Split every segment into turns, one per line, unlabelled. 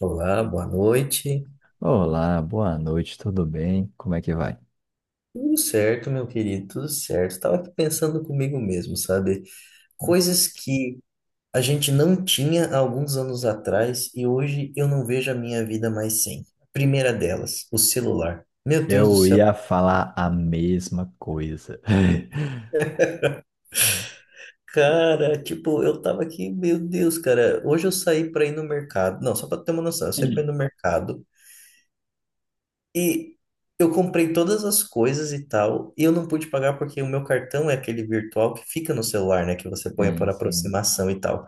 Olá, boa noite.
Olá, boa noite, tudo bem? Como é que vai?
Tudo certo, meu querido, tudo certo. Estava aqui pensando comigo mesmo, sabe? Coisas que a gente não tinha há alguns anos atrás e hoje eu não vejo a minha vida mais sem. Primeira delas, o celular. Meu Deus do
Eu
céu.
ia falar a mesma coisa.
Cara, tipo, eu tava aqui, meu Deus, cara. Hoje eu saí para ir no mercado. Não, só para ter uma noção, eu saí para ir no mercado. E eu comprei todas as coisas e tal, e eu não pude pagar porque o meu cartão é aquele virtual que fica no celular, né? Que você põe
Sim,
por
sim.
aproximação e tal.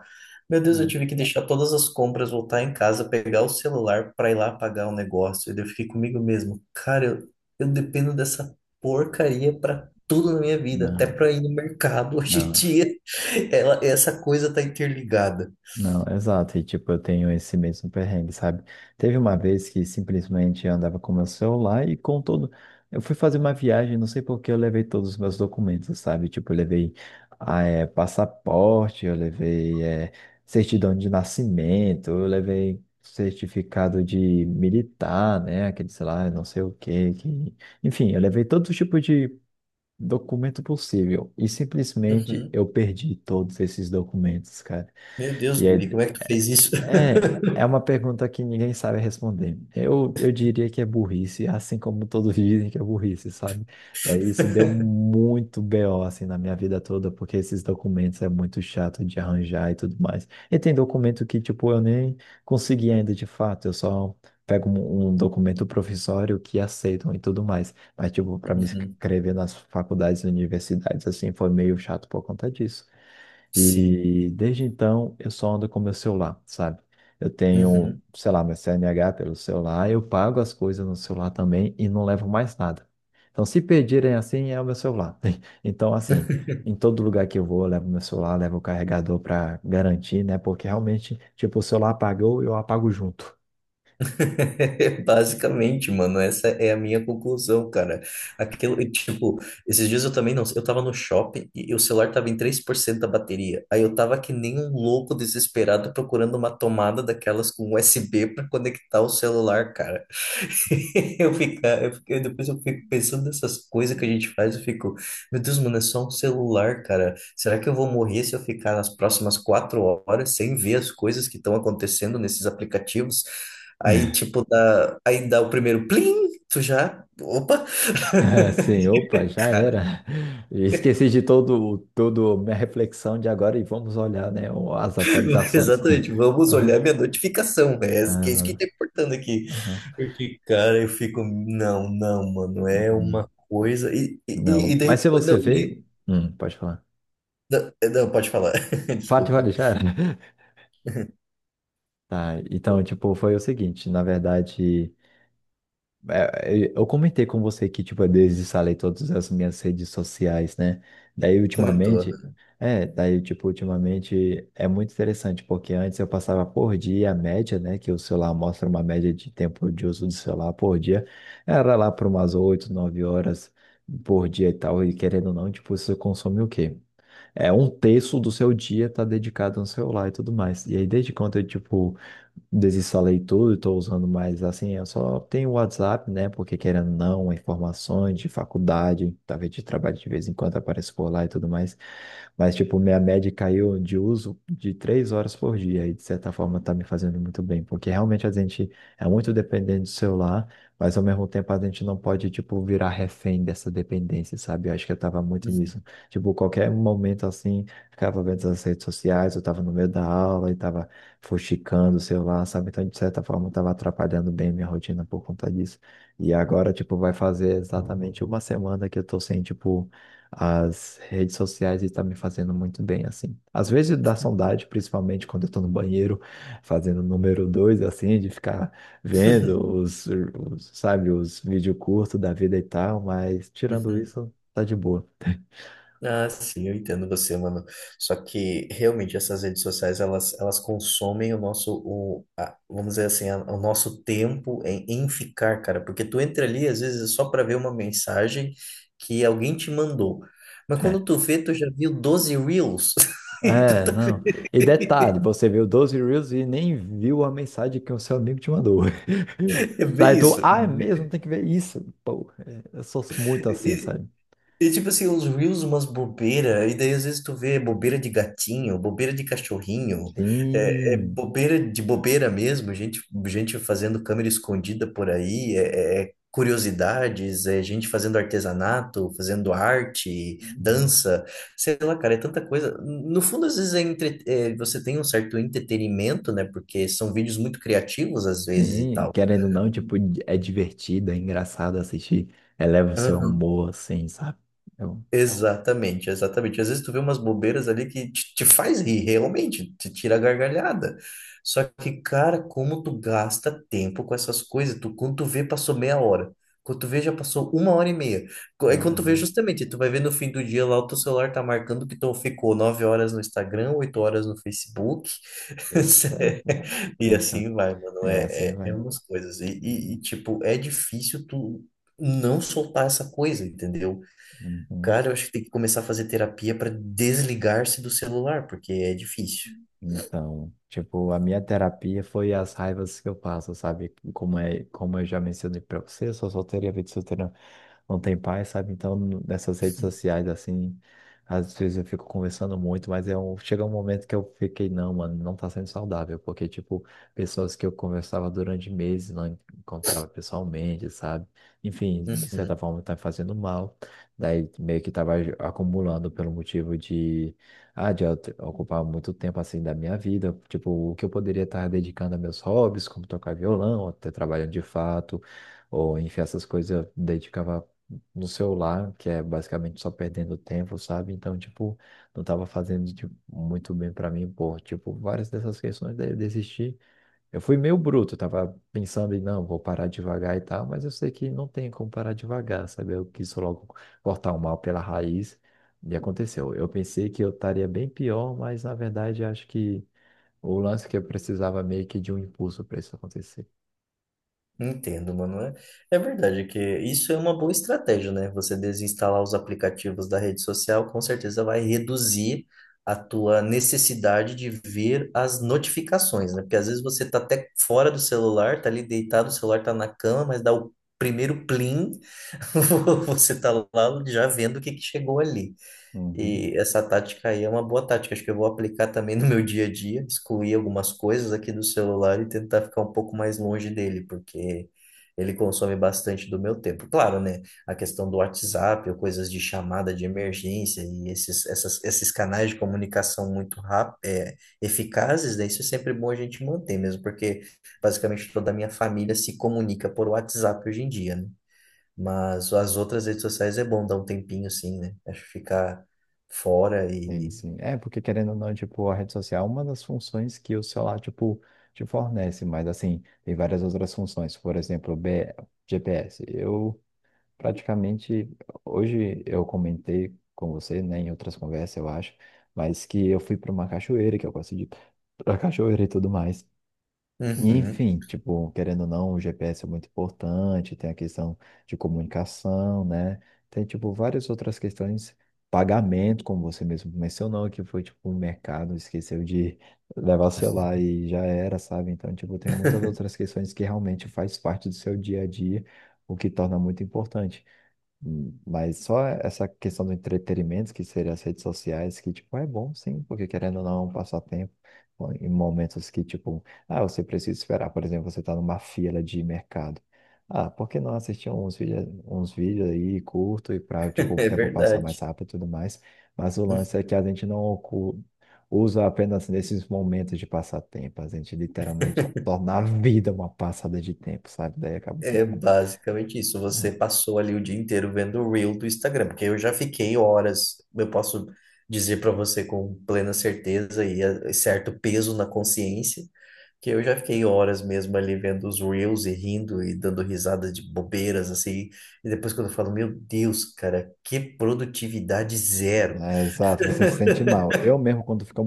Meu Deus, eu
Não,
tive que deixar todas as compras, voltar em casa, pegar o celular para ir lá pagar o negócio. E daí eu fiquei comigo mesmo, cara, eu dependo dessa porcaria para tudo na minha vida, até
não,
para ir no mercado hoje em
não.
dia. Ela, essa coisa tá interligada.
Não, exato. E tipo, eu tenho esse mesmo perrengue, sabe? Teve uma vez que simplesmente eu andava com meu celular e com todo. Eu fui fazer uma viagem, não sei por que eu levei todos os meus documentos, sabe? Tipo, eu levei passaporte, eu levei certidão de nascimento, eu levei certificado de militar, né? Aquele, sei lá, não sei o quê, que. Enfim, eu levei todo tipo de documento possível. E simplesmente
Uhum.
eu perdi todos esses documentos, cara.
Meu Deus,
E
Guri,
aí,
como é que tu fez isso?
é uma pergunta que ninguém sabe responder. Eu diria que é burrice, assim como todos dizem que é burrice, sabe? É, isso deu muito BO assim na minha vida toda, porque esses documentos é muito chato de arranjar e tudo mais. E tem documento que, tipo, eu nem consegui ainda de fato, eu só pego um documento provisório que aceitam e tudo mais. Mas, tipo, para me
Uhum.
inscrever nas faculdades e universidades, assim, foi meio chato por conta disso.
Sim.
E desde então eu só ando com meu celular, sabe? Eu tenho,
Uhum.
sei lá, meu CNH pelo celular, eu pago as coisas no celular também e não levo mais nada. Então, se pedirem assim, é o meu celular. Então, assim, em todo lugar que eu vou, eu levo meu celular, levo o carregador para garantir, né? Porque realmente, tipo, o celular apagou, eu apago junto.
Basicamente, mano, essa é a minha conclusão, cara. Aquilo, e, tipo, esses dias eu também não, eu tava no shopping e o celular tava em 3% da bateria. Aí eu tava que nem um louco desesperado procurando uma tomada daquelas com USB pra conectar o celular, cara. Eu ficar, eu, fico- eu- Depois eu fico pensando nessas coisas que a gente faz, eu fico, meu Deus, mano, é só um celular, cara. Será que eu vou morrer se eu ficar nas próximas 4 horas sem ver as coisas que estão acontecendo nesses aplicativos? Aí, tipo, aí dá o primeiro plim, tu já, opa,
É, sim, opa, já
cara,
era. Esqueci de todo, todo minha reflexão de agora e vamos olhar, né, as atualizações.
exatamente, vamos olhar minha notificação, né? Esse que é isso que
Aham,
tá importando aqui.
aham.
Porque, cara, eu fico, não, não, mano, é
Uhum.
uma coisa, e
Não, mas
daí,
se você
não,
veio. Pode falar.
não, não, pode falar.
Fale,
Desculpa.
fale, já era. Tá, então, tipo, foi o seguinte, na verdade, é, eu comentei com você que, tipo, eu desinstalei todas as minhas redes sociais, né? Daí,
Comentou.
ultimamente, tipo, ultimamente é muito interessante, porque antes eu passava por dia a média, né? Que o celular mostra uma média de tempo de uso do celular por dia, era lá por umas 8, 9 horas por dia e tal, e querendo ou não, tipo, isso consome o quê? É um terço do seu dia tá dedicado no celular e tudo mais. E aí, desde quando eu, tipo, desinstalei tudo e tô usando mais, assim, eu só tenho o WhatsApp, né? Porque querendo ou não, informações de faculdade, talvez de trabalho de vez em quando aparece por lá e tudo mais. Mas, tipo, minha média caiu de uso de 3 horas por dia e, de certa forma, tá me fazendo muito bem. Porque realmente a gente é muito dependente do celular, mas, ao mesmo tempo, a gente não pode, tipo, virar refém dessa dependência, sabe? Eu acho que eu tava muito nisso.
Uhum,
Tipo, qualquer momento assim, ficava vendo as redes sociais, eu tava no meio da aula e tava fuxicando o celular, sabe? Então, de certa forma, eu tava atrapalhando bem minha rotina por conta disso. E agora, tipo, vai fazer exatamente uma semana que eu tô sem, tipo, as redes sociais e tá me fazendo muito bem, assim. Às vezes dá saudade, principalmente quando eu tô no banheiro fazendo número dois, assim, de ficar vendo os vídeos curtos da vida e tal, mas tirando
uhum.
isso, tá de boa.
Ah, sim, eu entendo você, mano. Só que realmente essas redes sociais elas consomem o nosso, o, a- vamos dizer assim, a- o nosso tempo em ficar, cara. Porque tu entra ali, às vezes, é só para ver uma mensagem que alguém te mandou. Mas quando
É.
tu vê, tu já viu 12 reels. E tu
É,
tá,
não. E detalhe, você viu 12 Reels e nem viu a mensagem que o seu amigo te mandou.
é
Daí
bem
tu,
isso.
ah, é mesmo, tem que ver isso. Pô, é, eu sou muito assim, sabe?
E tipo assim, uns reels, umas bobeira, e daí às vezes tu vê bobeira de gatinho, bobeira de cachorrinho, é
Sim.
bobeira de bobeira mesmo, gente, gente fazendo câmera escondida por aí, é curiosidades, é gente fazendo artesanato, fazendo arte,
Uhum.
dança, sei lá, cara, é tanta coisa. No fundo, às vezes é, entre- é, você tem um certo entretenimento, né, porque são vídeos muito criativos às vezes e
Sim.
tal.
Querendo ou não, tipo, é divertido, é engraçado assistir. Eleva o seu
Aham.
humor, assim, sabe? Eu,
Exatamente, exatamente. Às vezes tu vê umas bobeiras ali que te faz rir, realmente, te tira a gargalhada. Só que, cara, como tu gasta tempo com essas coisas, tu, quando tu vê, passou meia hora. Quando tu vê, já passou uma hora e meia. Aí
ah,
quando tu vê,
eu-
justamente, tu vai ver no fim do dia lá, o teu celular tá marcando que tu ficou 9 horas no Instagram, 8 horas no Facebook.
eita,
E
eita.
assim vai, mano.
É, assim
É
vai.
umas coisas.
Uhum.
Tipo, é difícil tu não soltar essa coisa, entendeu?
Uhum.
Cara, eu acho que tem que começar a fazer terapia para desligar-se do celular, porque é difícil.
Então, tipo, a minha terapia foi as raivas que eu passo, sabe? Como é, como eu já mencionei pra você, eu sou solteiro e a vida solteira não tem paz, sabe? Então, nessas redes sociais, assim, às vezes eu fico conversando muito, mas é um, chega um momento que eu fiquei, não, mano, não tá sendo saudável, porque, tipo, pessoas que eu conversava durante meses, não encontrava pessoalmente, sabe? Enfim, de certa
Uhum,
forma tá fazendo mal, daí meio que tava acumulando pelo motivo de ocupar muito tempo assim da minha vida, tipo, o que eu poderia estar dedicando a meus hobbies, como tocar violão, ou até trabalhando de fato, ou enfim, essas coisas eu dedicava no celular, que é basicamente só perdendo tempo, sabe? Então, tipo, não estava fazendo tipo, muito bem para mim, por tipo, várias dessas questões daí eu desisti, eu fui meio bruto, tava pensando em não, vou parar devagar e tal, mas eu sei que não tem como parar devagar, sabe? Eu quis logo cortar o mal pela raiz e aconteceu. Eu pensei que eu estaria bem pior, mas na verdade acho que o lance é que eu precisava meio que de um impulso para isso acontecer.
entendo, mano. É, é verdade que isso é uma boa estratégia, né? Você desinstalar os aplicativos da rede social, com certeza vai reduzir a tua necessidade de ver as notificações, né? Porque às vezes você tá até fora do celular, tá ali deitado, o celular tá na cama, mas dá o primeiro plim, você tá lá já vendo o que que chegou ali.
Uhum.
E essa tática aí é uma boa tática. Acho que eu vou aplicar também no meu dia a dia, excluir algumas coisas aqui do celular e tentar ficar um pouco mais longe dele, porque ele consome bastante do meu tempo. Claro, né? A questão do WhatsApp ou coisas de chamada de emergência e esses canais de comunicação muito rápidos, é, eficazes, né? Isso é sempre bom a gente manter mesmo, porque basicamente toda a minha família se comunica por WhatsApp hoje em dia, né? Mas as outras redes sociais é bom dar um tempinho, sim, né? Acho que ficar fora
Sim,
e.
sim. É, porque querendo ou não, tipo, a rede social é uma das funções que o celular, tipo, te fornece, mas assim, tem várias outras funções. Por exemplo, GPS. Praticamente, hoje eu comentei com você, né, em outras conversas, eu acho, mas que eu fui para uma cachoeira, que eu gosto de ir pra cachoeira e tudo mais. E,
Uhum.
enfim, tipo, querendo ou não, o GPS é muito importante, tem a questão de comunicação, né? Tem, tipo, várias outras questões, pagamento, como você mesmo mencionou, que foi, tipo, o mercado esqueceu de levar o celular e já era, sabe? Então, tipo, tem muitas outras questões que realmente faz parte do seu dia a dia, o que torna muito importante. Mas só essa questão do entretenimento, que seria as redes sociais, que, tipo, é bom sim, porque querendo ou não, é um passatempo ó, em momentos que, tipo, ah, você precisa esperar, por exemplo, você está numa fila de mercado. Ah, por que não assistir uns vídeos aí curto e para, tipo, o
É
tempo passar mais
verdade.
rápido e tudo mais? Mas o lance é que a gente não ocu- usa apenas nesses momentos de passatempo, a gente literalmente torna a vida uma passada de tempo, sabe? Daí acaba sendo.
É basicamente isso. Você passou ali o dia inteiro vendo o Reel do Instagram, porque eu já fiquei horas, eu posso dizer para você com plena certeza e certo peso na consciência, que eu já fiquei horas mesmo ali vendo os Reels e rindo e dando risadas de bobeiras, assim. E depois quando eu falo, meu Deus, cara, que produtividade zero.
É, exato, você se sente mal. Eu mesmo, quando fica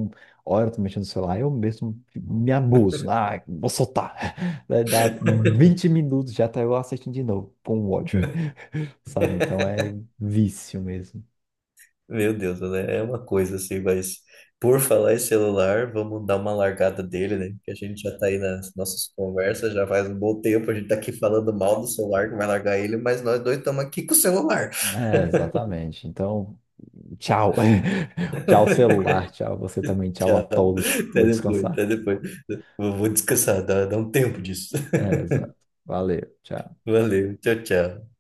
horas mexendo no celular, eu mesmo me abuso. Ah, vou soltar. Daí dá 20 minutos, já tá eu assistindo de novo, com ódio, sabe? Então é vício mesmo.
Meu Deus, né? É uma coisa assim, mas por falar em celular, vamos dar uma largada dele, né? Porque a gente já tá aí nas nossas conversas, já faz um bom tempo, a gente tá aqui falando mal do celular, que vai largar ele, mas nós dois estamos aqui com o celular.
É, exatamente. Então, tchau. Tchau, celular. Tchau, você também. Tchau a
Tchau.
todos.
Até
Vou
depois, até
descansar.
depois. Vou descansar, dá um tempo disso.
É, exato. Valeu. Tchau.
Valeu, tchau, tchau.